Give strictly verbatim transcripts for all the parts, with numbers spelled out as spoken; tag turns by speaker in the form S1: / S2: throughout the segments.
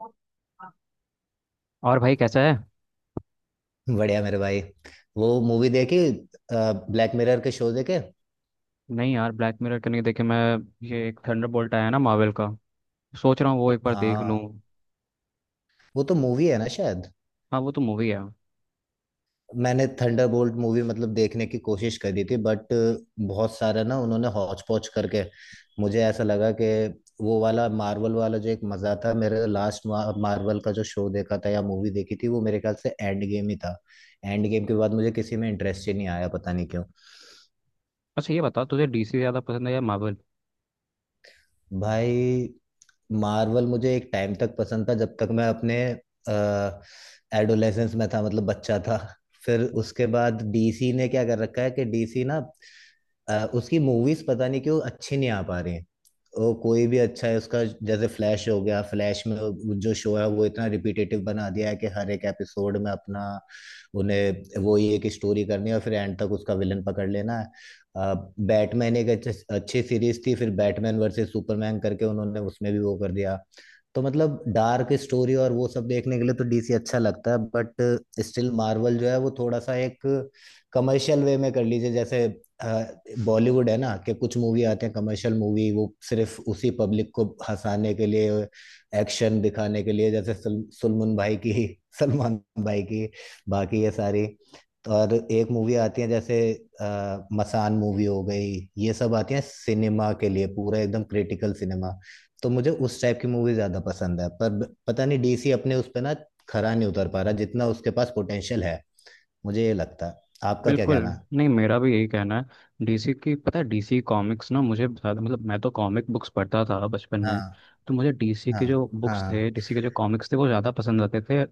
S1: और भाई कैसा है?
S2: बढ़िया मेरे भाई। वो मूवी देखी? ब्लैक मिरर के शो देखे?
S1: नहीं यार, ब्लैक मिरर करने के देखे मैं। ये एक थंडरबोल्ट आया ना मार्वल का। सोच रहा हूँ वो एक बार देख लूँ।
S2: हाँ, वो तो मूवी है ना शायद।
S1: हाँ, वो तो मूवी है।
S2: मैंने थंडरबोल्ट मूवी मतलब देखने की कोशिश करी थी बट बहुत सारा ना उन्होंने हौच पौच करके मुझे ऐसा लगा कि वो वाला मार्वल वाला जो एक मजा था, मेरे लास्ट मार्वल का जो शो देखा था या मूवी देखी थी वो मेरे ख्याल से एंड गेम ही था। एंड गेम के बाद मुझे किसी में इंटरेस्ट ही नहीं आया, पता नहीं क्यों।
S1: अच्छा, ये बता तुझे डीसी ज़्यादा पसंद है या मार्वल?
S2: भाई, मार्वल मुझे एक टाइम तक पसंद था जब तक मैं अपने एडोलेसेंस में था, मतलब बच्चा था। फिर उसके बाद डीसी ने क्या कर रखा है कि डीसी ना अ, उसकी मूवीज पता नहीं क्यों अच्छी नहीं आ पा रही हैं। और कोई भी अच्छा है उसका, जैसे फ्लैश हो गया, फ्लैश में वो- जो शो है वो इतना रिपीटेटिव बना दिया है कि हर एक एपिसोड में अपना उन्हें वो ही एक स्टोरी करनी है और फिर एंड तक उसका विलन पकड़ लेना है। बैटमैन एक अच्छे, अच्छी सीरीज थी, फिर बैटमैन वर्सेस सुपरमैन करके उन्होंने उसमें भी वो कर दिया। तो मतलब डार्क स्टोरी और वो सब देखने के लिए तो डीसी अच्छा लगता है, बट स्टिल मार्वल जो है वो थोड़ा सा एक कमर्शियल वे में कर लीजिए। जैसे बॉलीवुड है ना कि कुछ मूवी आते हैं कमर्शियल मूवी, वो सिर्फ उसी पब्लिक को हंसाने के लिए, एक्शन दिखाने के लिए, जैसे सल, सलमान भाई की सलमान भाई की। बाकी ये सारी, और एक मूवी आती है जैसे अ, मसान, मूवी हो गई, ये सब आती है सिनेमा के लिए पूरा एकदम क्रिटिकल सिनेमा। तो मुझे उस टाइप की मूवी ज्यादा पसंद है, पर ब- पता नहीं डीसी अपने उस पे ना खरा नहीं उतर पा रहा जितना उसके पास पोटेंशियल है। मुझे ये लगता है। आपका क्या
S1: बिल्कुल।
S2: कहना है?
S1: नहीं, मेरा भी यही कहना है। डीसी की पता है, डीसी कॉमिक्स ना मुझे ज़्यादा, मतलब मैं तो कॉमिक बुक्स पढ़ता था बचपन
S2: हाँ
S1: में। तो मुझे डीसी
S2: हाँ
S1: के जो बुक्स थे,
S2: हाँ
S1: डीसी के जो कॉमिक्स थे, वो ज़्यादा पसंद आते थे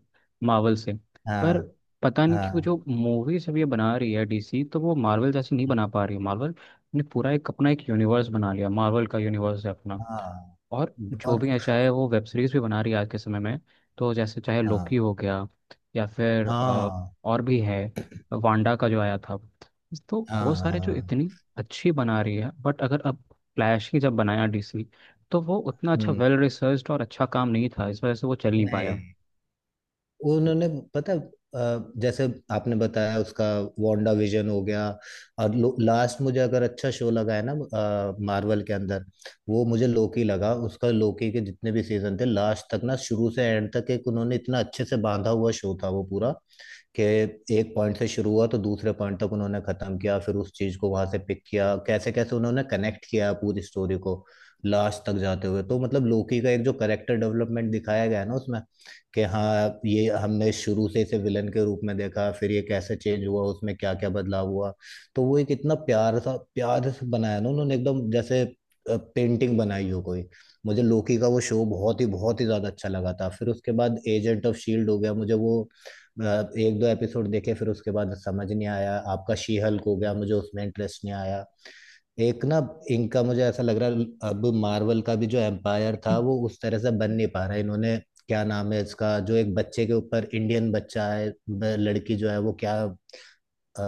S1: मार्वल से। पर
S2: हाँ
S1: पता नहीं क्यों
S2: हाँ
S1: जो मूवीज अब ये बना रही है डीसी तो वो मार्वल जैसी नहीं बना पा रही है। मार्वल ने पूरा एक अपना एक यूनिवर्स बना लिया। मार्वल का यूनिवर्स है अपना।
S2: हाँ
S1: और जो
S2: और
S1: भी है, चाहे वो वेब सीरीज भी बना रही है आज के समय में। तो जैसे चाहे लोकी
S2: हाँ
S1: हो गया या फिर अ,
S2: हाँ
S1: और भी है, वांडा का जो आया था। तो वो
S2: हाँ
S1: सारे जो
S2: हाँ।
S1: इतनी अच्छी बना रही है। बट अगर अब फ्लैश ही जब बनाया डीसी तो वो उतना अच्छा
S2: हम्म।
S1: वेल रिसर्च्ड और अच्छा काम नहीं था, इस वजह से वो चल नहीं पाया।
S2: नहीं, उन्होंने, पता, अ, जैसे आपने बताया उसका वांडा विजन हो गया, और लास्ट मुझे अगर अच्छा शो लगा है ना मार्वल के अंदर, वो मुझे लोकी लगा। उसका लोकी के जितने भी सीजन थे, लास्ट तक ना, शुरू से एंड तक, एक उन्होंने इतना अच्छे से बांधा हुआ शो था वो पूरा कि एक पॉइंट से शुरू हुआ तो दूसरे पॉइंट तक उन्होंने खत्म किया, फिर उस चीज को वहां से पिक किया, कैसे कैसे उन्होंने कनेक्ट किया पूरी स्टोरी को लास्ट तक जाते हुए। तो मतलब लोकी का एक जो करेक्टर डेवलपमेंट दिखाया गया है ना उसमें, कि हाँ, ये हमने शुरू से इसे विलन के रूप में देखा, फिर ये कैसे चेंज हुआ, उसमें क्या क्या बदलाव हुआ। तो वो एक इतना प्यार सा, प्यार से बनाया ना उन्होंने, एकदम जैसे पेंटिंग बनाई हो कोई। मुझे लोकी का वो शो बहुत ही बहुत ही ज्यादा अच्छा लगा था। फिर उसके बाद एजेंट ऑफ शील्ड हो गया, मुझे वो अ, एक दो एपिसोड देखे, फिर उसके बाद समझ नहीं आया। आपका शी हल्क हो गया, मुझे उसमें इंटरेस्ट नहीं आया। एक ना इनका मुझे ऐसा लग रहा है, अब मार्वल का भी जो एम्पायर था वो उस तरह से बन नहीं पा रहा है। इन्होंने क्या नाम है इसका, जो एक बच्चे के ऊपर, इंडियन बच्चा है, ब- लड़की जो है वो, क्या अ,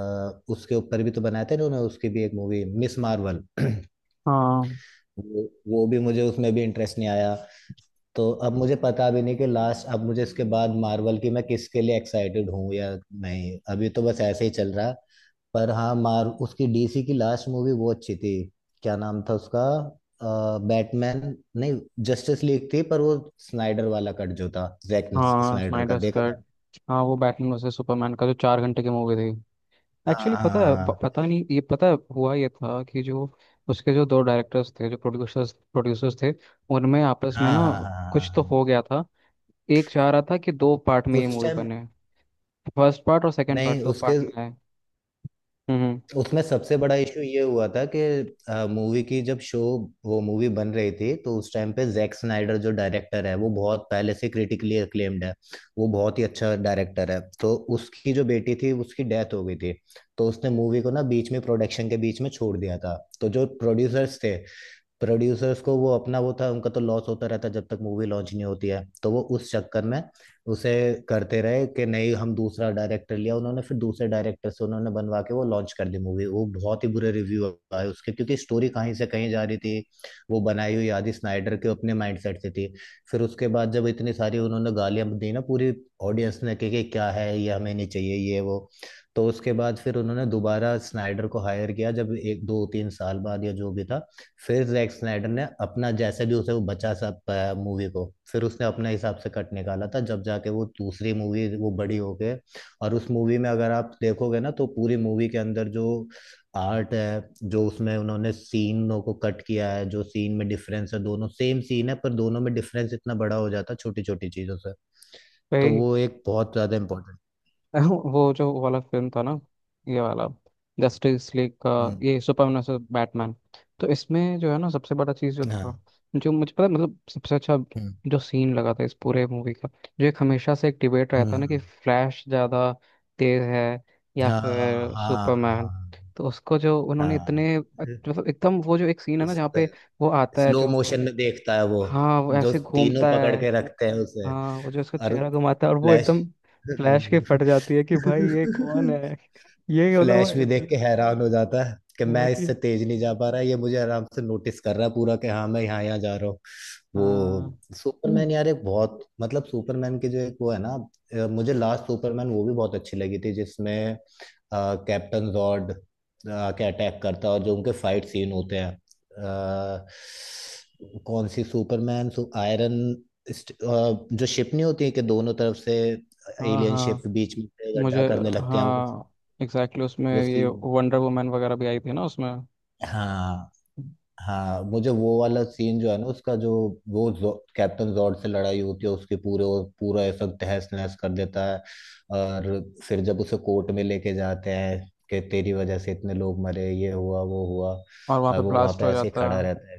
S2: उसके ऊपर भी तो बनाया था इन्होंने, उसकी भी एक मूवी मिस मार्वल
S1: हाँ।
S2: वो वो भी मुझे उसमें भी इंटरेस्ट नहीं आया। तो अब मुझे पता भी नहीं कि लास्ट, अब मुझे इसके बाद मार्वल की मैं किसके लिए एक्साइटेड हूँ या नहीं, अभी तो बस ऐसे ही चल रहा है। पर हाँ, मार उसकी डीसी की लास्ट मूवी वो अच्छी थी। क्या नाम था उसका, बैटमैन, नहीं, जस्टिस लीग थी, पर वो स्नाइडर वाला कट जो था, जैक
S1: हाँ,
S2: स्नाइडर का
S1: स्नाइडर
S2: देखा
S1: कट।
S2: था।
S1: हाँ, वो बैटमैन वर्सेस सुपरमैन का जो चार घंटे की मूवी थी। एक्चुअली पता है, प-
S2: हाँ
S1: पता नहीं ये, पता है हुआ ये था कि जो उसके जो दो डायरेक्टर्स थे, जो प्रोड्यूसर्स प्रोड्यूसर्स थे, उनमें आपस में
S2: हाँ
S1: ना
S2: हाँ हाँ हाँ हाँ
S1: कुछ
S2: हाँ,
S1: तो
S2: हाँ।
S1: हो गया था। एक चाह रहा था कि दो पार्ट में ये
S2: उस
S1: मूवी
S2: टाइम,
S1: बने, फर्स्ट पार्ट और सेकंड
S2: नहीं
S1: पार्ट, दो
S2: उसके,
S1: पार्ट में आए। हम्म।
S2: उसमें सबसे बड़ा इशू ये हुआ था कि मूवी की जब शो, वो मूवी बन रही थी तो उस टाइम पे जैक स्नाइडर जो डायरेक्टर है वो बहुत पहले से क्रिटिकली अक्लेम्ड है, वो बहुत ही अच्छा डायरेक्टर है। तो उसकी जो बेटी थी उसकी डेथ हो गई थी, तो उसने मूवी को ना बीच में, प्रोडक्शन के बीच में छोड़ दिया था। तो जो प्रोड्यूसर्स थे, प्रोड्यूसर्स को वो अपना वो था, उनका तो लॉस होता रहता है जब तक मूवी लॉन्च नहीं होती है। तो वो उस चक्कर में उसे करते रहे कि नहीं, हम दूसरा डायरेक्टर लिया उन्होंने, फिर दूसरे डायरेक्टर से उन्होंने बनवा के वो लॉन्च कर दी मूवी। वो बहुत ही बुरे रिव्यू आए उसके, क्योंकि स्टोरी कहीं से कहीं जा रही थी। वो बनाई हुई आदि स्नाइडर के अपने माइंडसेट से थी। फिर उसके बाद जब इतनी सारी उन्होंने गालियां दी ना पूरी ऑडियंस ने, कि कि क्या है ये, हमें नहीं चाहिए ये वो, तो उसके बाद फिर उन्होंने दोबारा स्नाइडर को हायर किया, जब एक दो तीन साल बाद या जो भी था। फिर जैक स्नाइडर ने अपना जैसे भी उसे वो बचा सब मूवी को, फिर उसने अपने हिसाब से कट निकाला था, जब जाके वो दूसरी मूवी वो बड़ी हो गए। और उस मूवी में अगर आप देखोगे ना तो पूरी मूवी के अंदर जो आर्ट है, जो उसमें उन्होंने सीनों को कट किया है, जो सीन में डिफरेंस है, दोनों सेम सीन है पर दोनों में डिफरेंस इतना बड़ा हो जाता है छोटी छोटी चीजों से। तो
S1: वही।
S2: वो एक बहुत ज्यादा इम्पोर्टेंट।
S1: वो जो वाला फिल्म था ना, ये वाला, जस्टिस लीग का,
S2: हम्म।
S1: ये सुपरमैन वर्सेस बैटमैन। तो इसमें जो है ना, सबसे बड़ा चीज़ जो
S2: हाँ।
S1: था, जो मुझे पता है, मतलब सबसे अच्छा
S2: हम्म।
S1: जो सीन लगा था इस पूरे मूवी का। जो एक हमेशा से एक डिबेट रहता है ना कि
S2: हम्म,
S1: फ्लैश ज़्यादा तेज है या
S2: हाँ
S1: फिर
S2: हाँ
S1: सुपरमैन।
S2: हाँ
S1: तो उसको जो उन्होंने
S2: हाँ।
S1: इतने अच्छ- मतलब एकदम वो जो एक सीन है ना
S2: उस
S1: जहाँ
S2: पे
S1: पे वो आता है
S2: स्लो
S1: जो।
S2: मोशन में देखता है वो,
S1: हाँ, वो
S2: जो
S1: ऐसे
S2: तीनों
S1: घूमता
S2: पकड़
S1: है।
S2: के रखते हैं उसे,
S1: हाँ, वो जो उसका
S2: और
S1: चेहरा घुमाता है और वो
S2: फ्लैश
S1: एकदम, फ्लैश के फट जाती है कि भाई, ये कौन है! ये मतलब वो
S2: फ्लैश भी देख
S1: इतना।
S2: के हैरान हो जाता है कि
S1: हाँ
S2: मैं इससे
S1: कि
S2: तेज नहीं जा पा रहा, ये मुझे आराम से नोटिस कर रहा है पूरा, कि हाँ मैं यहाँ यहाँ जा रहा हूँ।
S1: हाँ।
S2: वो सुपरमैन
S1: हम्म।
S2: यार, एक बहुत मतलब सुपरमैन की जो एक वो है ना अ, मुझे लास्ट सुपरमैन वो भी बहुत अच्छी लगी थी, जिसमें कैप्टन जॉर्ड के अटैक करता है और जो उनके फाइट सीन होते हैं अ, कौन सी सुपरमैन सु, आयरन इस्ट- अ, जो शिप नहीं होती है कि दोनों तरफ से
S1: हाँ
S2: एलियन
S1: हाँ।
S2: शिप बीच में से गड्ढा
S1: मुझे
S2: करने लगते हैं वो
S1: हाँ एग्जैक्टली, exactly उसमें
S2: वो
S1: ये
S2: सीन।
S1: वंडर वुमन वगैरह भी आई थी ना उसमें।
S2: हाँ, हाँ मुझे वो वाला सीन जो है ना उसका, जो वो जो, कैप्टन जॉर्ड से लड़ाई होती है उसके पूरे, और पूरा ऐसा तहस नहस कर देता है, और फिर जब उसे कोर्ट में लेके जाते हैं कि तेरी वजह से इतने लोग मरे, ये हुआ वो हुआ,
S1: और वहाँ
S2: और
S1: पे
S2: वो वहां
S1: ब्लास्ट
S2: पे
S1: हो
S2: ऐसे ही
S1: जाता
S2: खड़ा
S1: है।
S2: रहता है।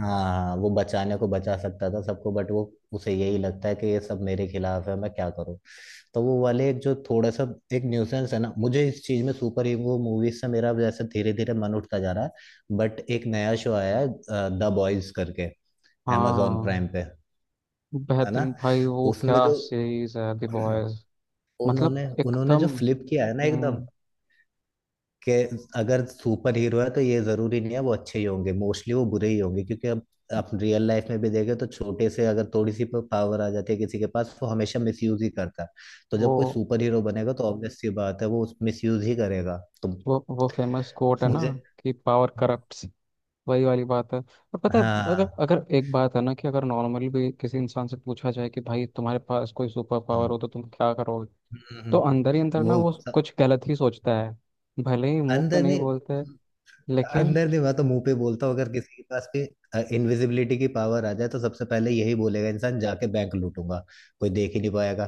S2: हाँ वो बचाने को बचा सकता था सबको बट वो, उसे यही लगता है कि ये सब मेरे खिलाफ है मैं क्या करूँ। तो वो वाले एक जो थोड़ा सा एक न्यूसेंस है ना, मुझे इस चीज में सुपर हीरो मूवीज से मेरा जैसे धीरे धीरे मन उठता जा रहा है। बट एक नया शो आया है द बॉयज करके amazon
S1: हाँ,
S2: प्राइम पे, है ना,
S1: बेहतरीन भाई! वो क्या
S2: उसमें जो
S1: सीरीज है दी बॉयज! मतलब
S2: उन्होंने उन्होंने
S1: एकदम।
S2: जो फ्लिप किया है ना एकदम,
S1: हम्म,
S2: कि अगर सुपर हीरो है तो ये जरूरी नहीं है वो अच्छे ही होंगे, मोस्टली वो बुरे ही होंगे। क्योंकि अब आप रियल लाइफ में भी देखें तो छोटे से अगर थोड़ी सी पावर आ जाती है किसी के पास वो हमेशा मिसयूज ही करता है। तो जब कोई
S1: वो
S2: सुपर हीरो बनेगा तो ऑब्वियस सी बात है वो उस मिसयूज ही करेगा। तो
S1: वो वो फेमस कोट है ना
S2: मुझे,
S1: कि पावर करप्ट। वही वाली बात है। और पता है, अगर
S2: हाँ
S1: अगर एक बात है ना कि अगर नॉर्मली भी किसी इंसान से पूछा जाए कि भाई, तुम्हारे पास कोई सुपर
S2: हाँ
S1: पावर
S2: हम्म,
S1: हो तो तुम क्या करोगे।
S2: हम्म, हम्म,
S1: तो अंदर ही अंदर
S2: हम्म,
S1: ना
S2: वो,
S1: वो कुछ गलत ही सोचता है। भले ही मुंह पे
S2: अंदर
S1: नहीं
S2: नहीं,
S1: बोलते लेकिन।
S2: अंदर नहीं, मैं तो मुंह पे बोलता हूँ। अगर किसी के पास भी इनविजिबिलिटी की पावर आ जाए तो सबसे पहले यही बोलेगा इंसान, जाके बैंक लूटूंगा, कोई देख ही नहीं पाएगा।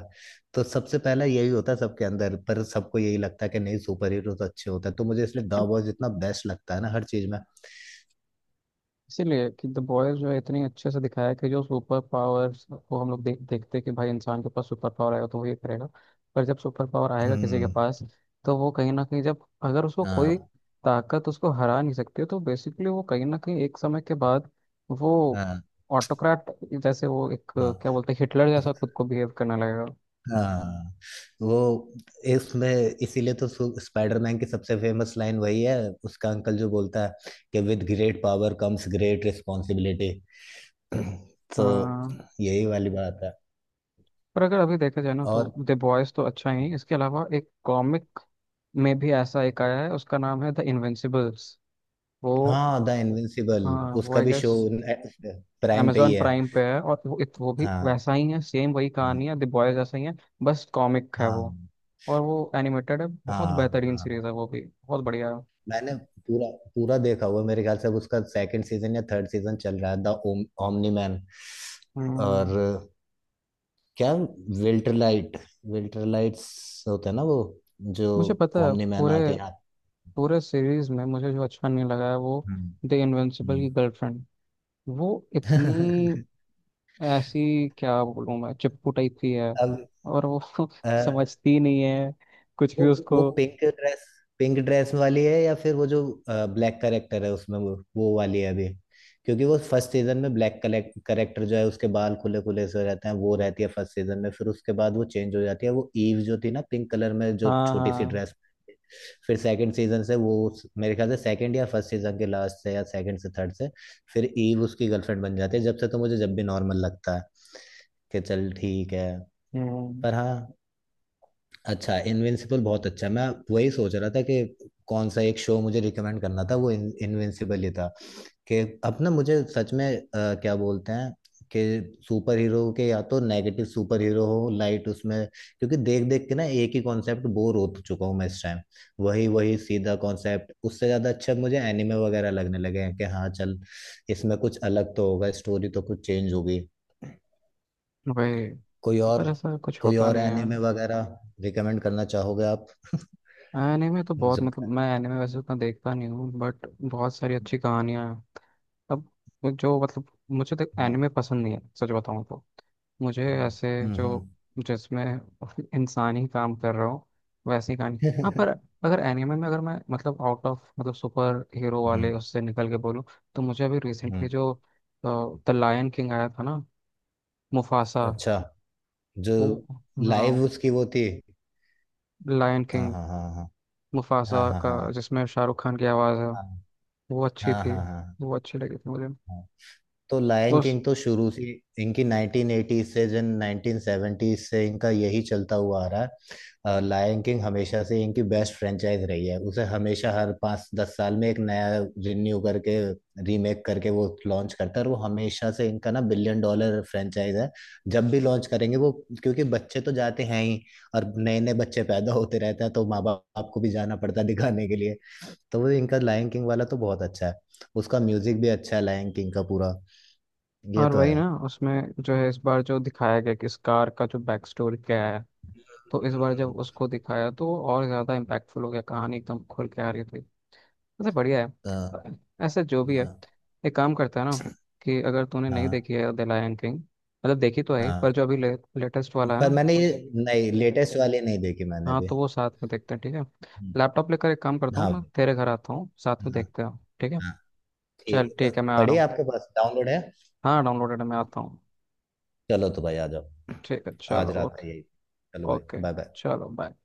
S2: तो सबसे पहला यही होता है सबके अंदर, पर सबको यही लगता है कि नहीं सुपर हीरो तो अच्छे होते हैं। तो मुझे इसलिए द बॉयज इतना बेस्ट लगता है ना हर चीज में।
S1: इसीलिए कि द बॉयज जो है, इतनी अच्छे से दिखाया है कि जो सुपर पावर्स को हम लोग देख देखते हैं कि भाई, इंसान के पास सुपर पावर आएगा तो वो ये करेगा। पर जब सुपर पावर आएगा किसी के
S2: हम्म।
S1: पास, तो वो कहीं ना कहीं, जब अगर उसको कोई
S2: हाँ
S1: ताकत उसको हरा नहीं सकती है, तो बेसिकली वो कहीं ना कहीं एक समय के बाद वो
S2: हाँ
S1: ऑटोक्रेट, जैसे वो एक
S2: हाँ
S1: क्या बोलते हैं, हिटलर जैसा खुद को बिहेव करने लगेगा।
S2: हाँ। वो इसमें, इसीलिए तो सु- स्पाइडरमैन की सबसे फेमस लाइन वही है, उसका अंकल जो बोलता है कि with great power comes great responsibility. तो
S1: हाँ,
S2: यही वाली बात है।
S1: पर अगर अभी देखा जाए ना
S2: और
S1: तो द बॉयज तो अच्छा ही है। इसके अलावा एक कॉमिक में भी ऐसा एक आया है, उसका नाम है द इनविंसिबल्स। वो
S2: हाँ, द इनविंसिबल,
S1: हाँ, वो
S2: उसका
S1: आई
S2: भी
S1: गेस
S2: शो प्राइम पे ही
S1: amazon
S2: है।
S1: प्राइम पे है। और वो इत, वो भी
S2: हाँ
S1: वैसा ही है, सेम वही कहानी
S2: हाँ
S1: है, द बॉयज जैसा ही है। बस कॉमिक है वो,
S2: हाँ
S1: और वो एनिमेटेड है। बहुत
S2: हाँ
S1: बेहतरीन सीरीज
S2: हाँ।
S1: है, वो भी बहुत बढ़िया है।
S2: मैंने पूरा, पूरा देखा हुआ है। मेरे ख्याल से अब उसका सेकंड सीजन या थर्ड सीजन चल रहा है, द ओमनी मैन।
S1: हम्म।
S2: और क्या, विल्टरलाइट, विल्टरलाइट्स होते हैं ना वो, जो
S1: मुझे पता है,
S2: ओमनी मैन
S1: पूरे
S2: आके यहाँ।
S1: पूरे सीरीज में मुझे जो अच्छा नहीं लगा है वो
S2: हम्म,
S1: द इनविंसिबल की
S2: हम्म।
S1: गर्लफ्रेंड। वो इतनी, ऐसी क्या बोलूँ मैं, चिपकू टाइप की है।
S2: अब
S1: और वो समझती नहीं है कुछ भी
S2: वो वो
S1: उसको।
S2: पिंक ड्रेस, पिंक ड्रेस वाली है या फिर वो जो ब्लैक करेक्टर है उसमें वो वो वाली है अभी, क्योंकि वो फर्स्ट सीजन में ब्लैक करेक्टर जो है उसके बाल खुले खुले से हो जाते हैं वो रहती है फर्स्ट सीजन में, फिर उसके बाद वो चेंज हो जाती है वो ईव जो थी ना पिंक कलर में जो
S1: हाँ
S2: छोटी सी
S1: हाँ।
S2: ड्रेस। फिर सेकंड सीजन से वो उस- मेरे ख्याल से सेकंड या फर्स्ट सीजन के लास्ट से या सेकंड से थर्ड से फिर ईव उसकी गर्लफ्रेंड बन जाती है, जब से तो मुझे जब भी नॉर्मल लगता है कि चल ठीक है।
S1: हम्म।
S2: पर हाँ, अच्छा, इनविंसिबल बहुत अच्छा है। मैं वही सोच रहा था कि कौन सा एक शो मुझे रिकमेंड करना था, वो इन, इनविंसिबल ही था। कि अब ना मुझे सच में अ, क्या बोलते हैं कि सुपर हीरो के या तो नेगेटिव सुपर हीरो हो लाइट उसमें, क्योंकि देख देख के ना एक ही कॉन्सेप्ट बोर हो तो चुका हूँ मैं इस टाइम, वही वही सीधा कॉन्सेप्ट। उससे ज़्यादा अच्छा मुझे एनिमे वगैरह लगने लगे हैं कि हाँ चल इसमें कुछ अलग तो होगा, स्टोरी तो कुछ चेंज होगी।
S1: वही,
S2: कोई और,
S1: पर ऐसा कुछ
S2: कोई
S1: होता
S2: और
S1: नहीं है।
S2: एनिमे वगैरह रिकमेंड करना चाहोगे
S1: एनीमे तो बहुत,
S2: आप?
S1: मतलब मैं एनीमे वैसे उतना देखता नहीं हूँ, बट बहुत सारी अच्छी कहानियाँ हैं। अब जो, मतलब मुझे तो
S2: हाँ,
S1: एनीमे पसंद नहीं है, सच बताऊँ तो। मुझे ऐसे
S2: हम्म
S1: जो
S2: हम्म
S1: जिसमें इंसान ही काम कर रहा हो, वैसी कहानी। हाँ, पर अगर एनीमे में, अगर मैं, मतलब आउट ऑफ, मतलब सुपर हीरो वाले
S2: हम्म
S1: उससे निकल के बोलूँ, तो मुझे अभी रिसेंटली
S2: हम्म,
S1: जो द लायन किंग आया था ना, मुफासा।
S2: अच्छा, जो
S1: वो हाँ,
S2: लाइव उसकी वो थी,
S1: लायन
S2: हाँ
S1: किंग,
S2: हाँ हाँ हाँ
S1: मुफासा
S2: हाँ
S1: का,
S2: हाँ
S1: जिसमें शाहरुख खान की आवाज़ है। वो
S2: हाँ
S1: अच्छी थी,
S2: हाँ हाँ हाँ हाँ
S1: वो अच्छी लगी थी मुझे।
S2: हाँ। तो लायन
S1: उस
S2: किंग तो शुरू से इनकी उन्नीस सौ अस्सी से जन उन्नीस सौ सत्तर से इनका यही चलता हुआ आ रहा है। लायन किंग हमेशा से इनकी बेस्ट फ्रेंचाइज रही है, उसे हमेशा हर पाँच दस साल में एक नया रिन्यू करके, रीमेक करके वो लॉन्च करता है, और वो हमेशा से इनका ना बिलियन डॉलर फ्रेंचाइज है जब भी लॉन्च करेंगे वो, क्योंकि बच्चे तो जाते हैं ही, और नए नए बच्चे पैदा होते रहते हैं तो माँ बाप को भी जाना पड़ता है दिखाने के लिए। तो वो इनका लायन किंग वाला तो बहुत अच्छा है, उसका म्यूजिक भी अच्छा है लायन किंग का पूरा, ये
S1: और
S2: तो
S1: वही
S2: है।
S1: ना, उसमें जो है इस बार जो दिखाया गया कि इस कार का जो बैक स्टोरी क्या है। तो इस बार
S2: हम्म,
S1: जब उसको दिखाया तो वो और ज़्यादा इम्पैक्टफुल हो गया, कहानी एकदम खुल के आ रही थी। वैसे बढ़िया
S2: हाँ
S1: है। ऐसे जो भी है,
S2: हाँ।
S1: एक काम करता है ना कि अगर तूने नहीं
S2: हाँ
S1: देखी है द लायन किंग, मतलब देखी तो है, पर
S2: हाँ,
S1: जो अभी ले, लेटेस्ट वाला है
S2: पर
S1: ना
S2: मैंने ये
S1: उस।
S2: नहीं, लेटेस्ट वाली नहीं देखी मैंने
S1: हाँ,
S2: भी।
S1: तो वो साथ में देखते हैं, ठीक है।
S2: हम्म,
S1: लैपटॉप लेकर एक काम करता हूँ,
S2: हाँ
S1: मैं
S2: भाई,
S1: तेरे घर आता हूँ, साथ में
S2: हाँ
S1: देखते हैं ठीक है।
S2: हाँ,
S1: चल
S2: ठीक अ,
S1: ठीक है, मैं आ
S2: पड़ी
S1: रहा
S2: है
S1: हूँ।
S2: आपके पास, डाउनलोड है?
S1: हाँ, डाउनलोडेड है, मैं आता हूँ।
S2: चलो तो भाई आ जाओ।
S1: ठीक है,
S2: आज
S1: चलो
S2: रात
S1: ओके।
S2: का यही, चलो भाई,
S1: ओके,
S2: बाय बाय।
S1: चलो, बाय।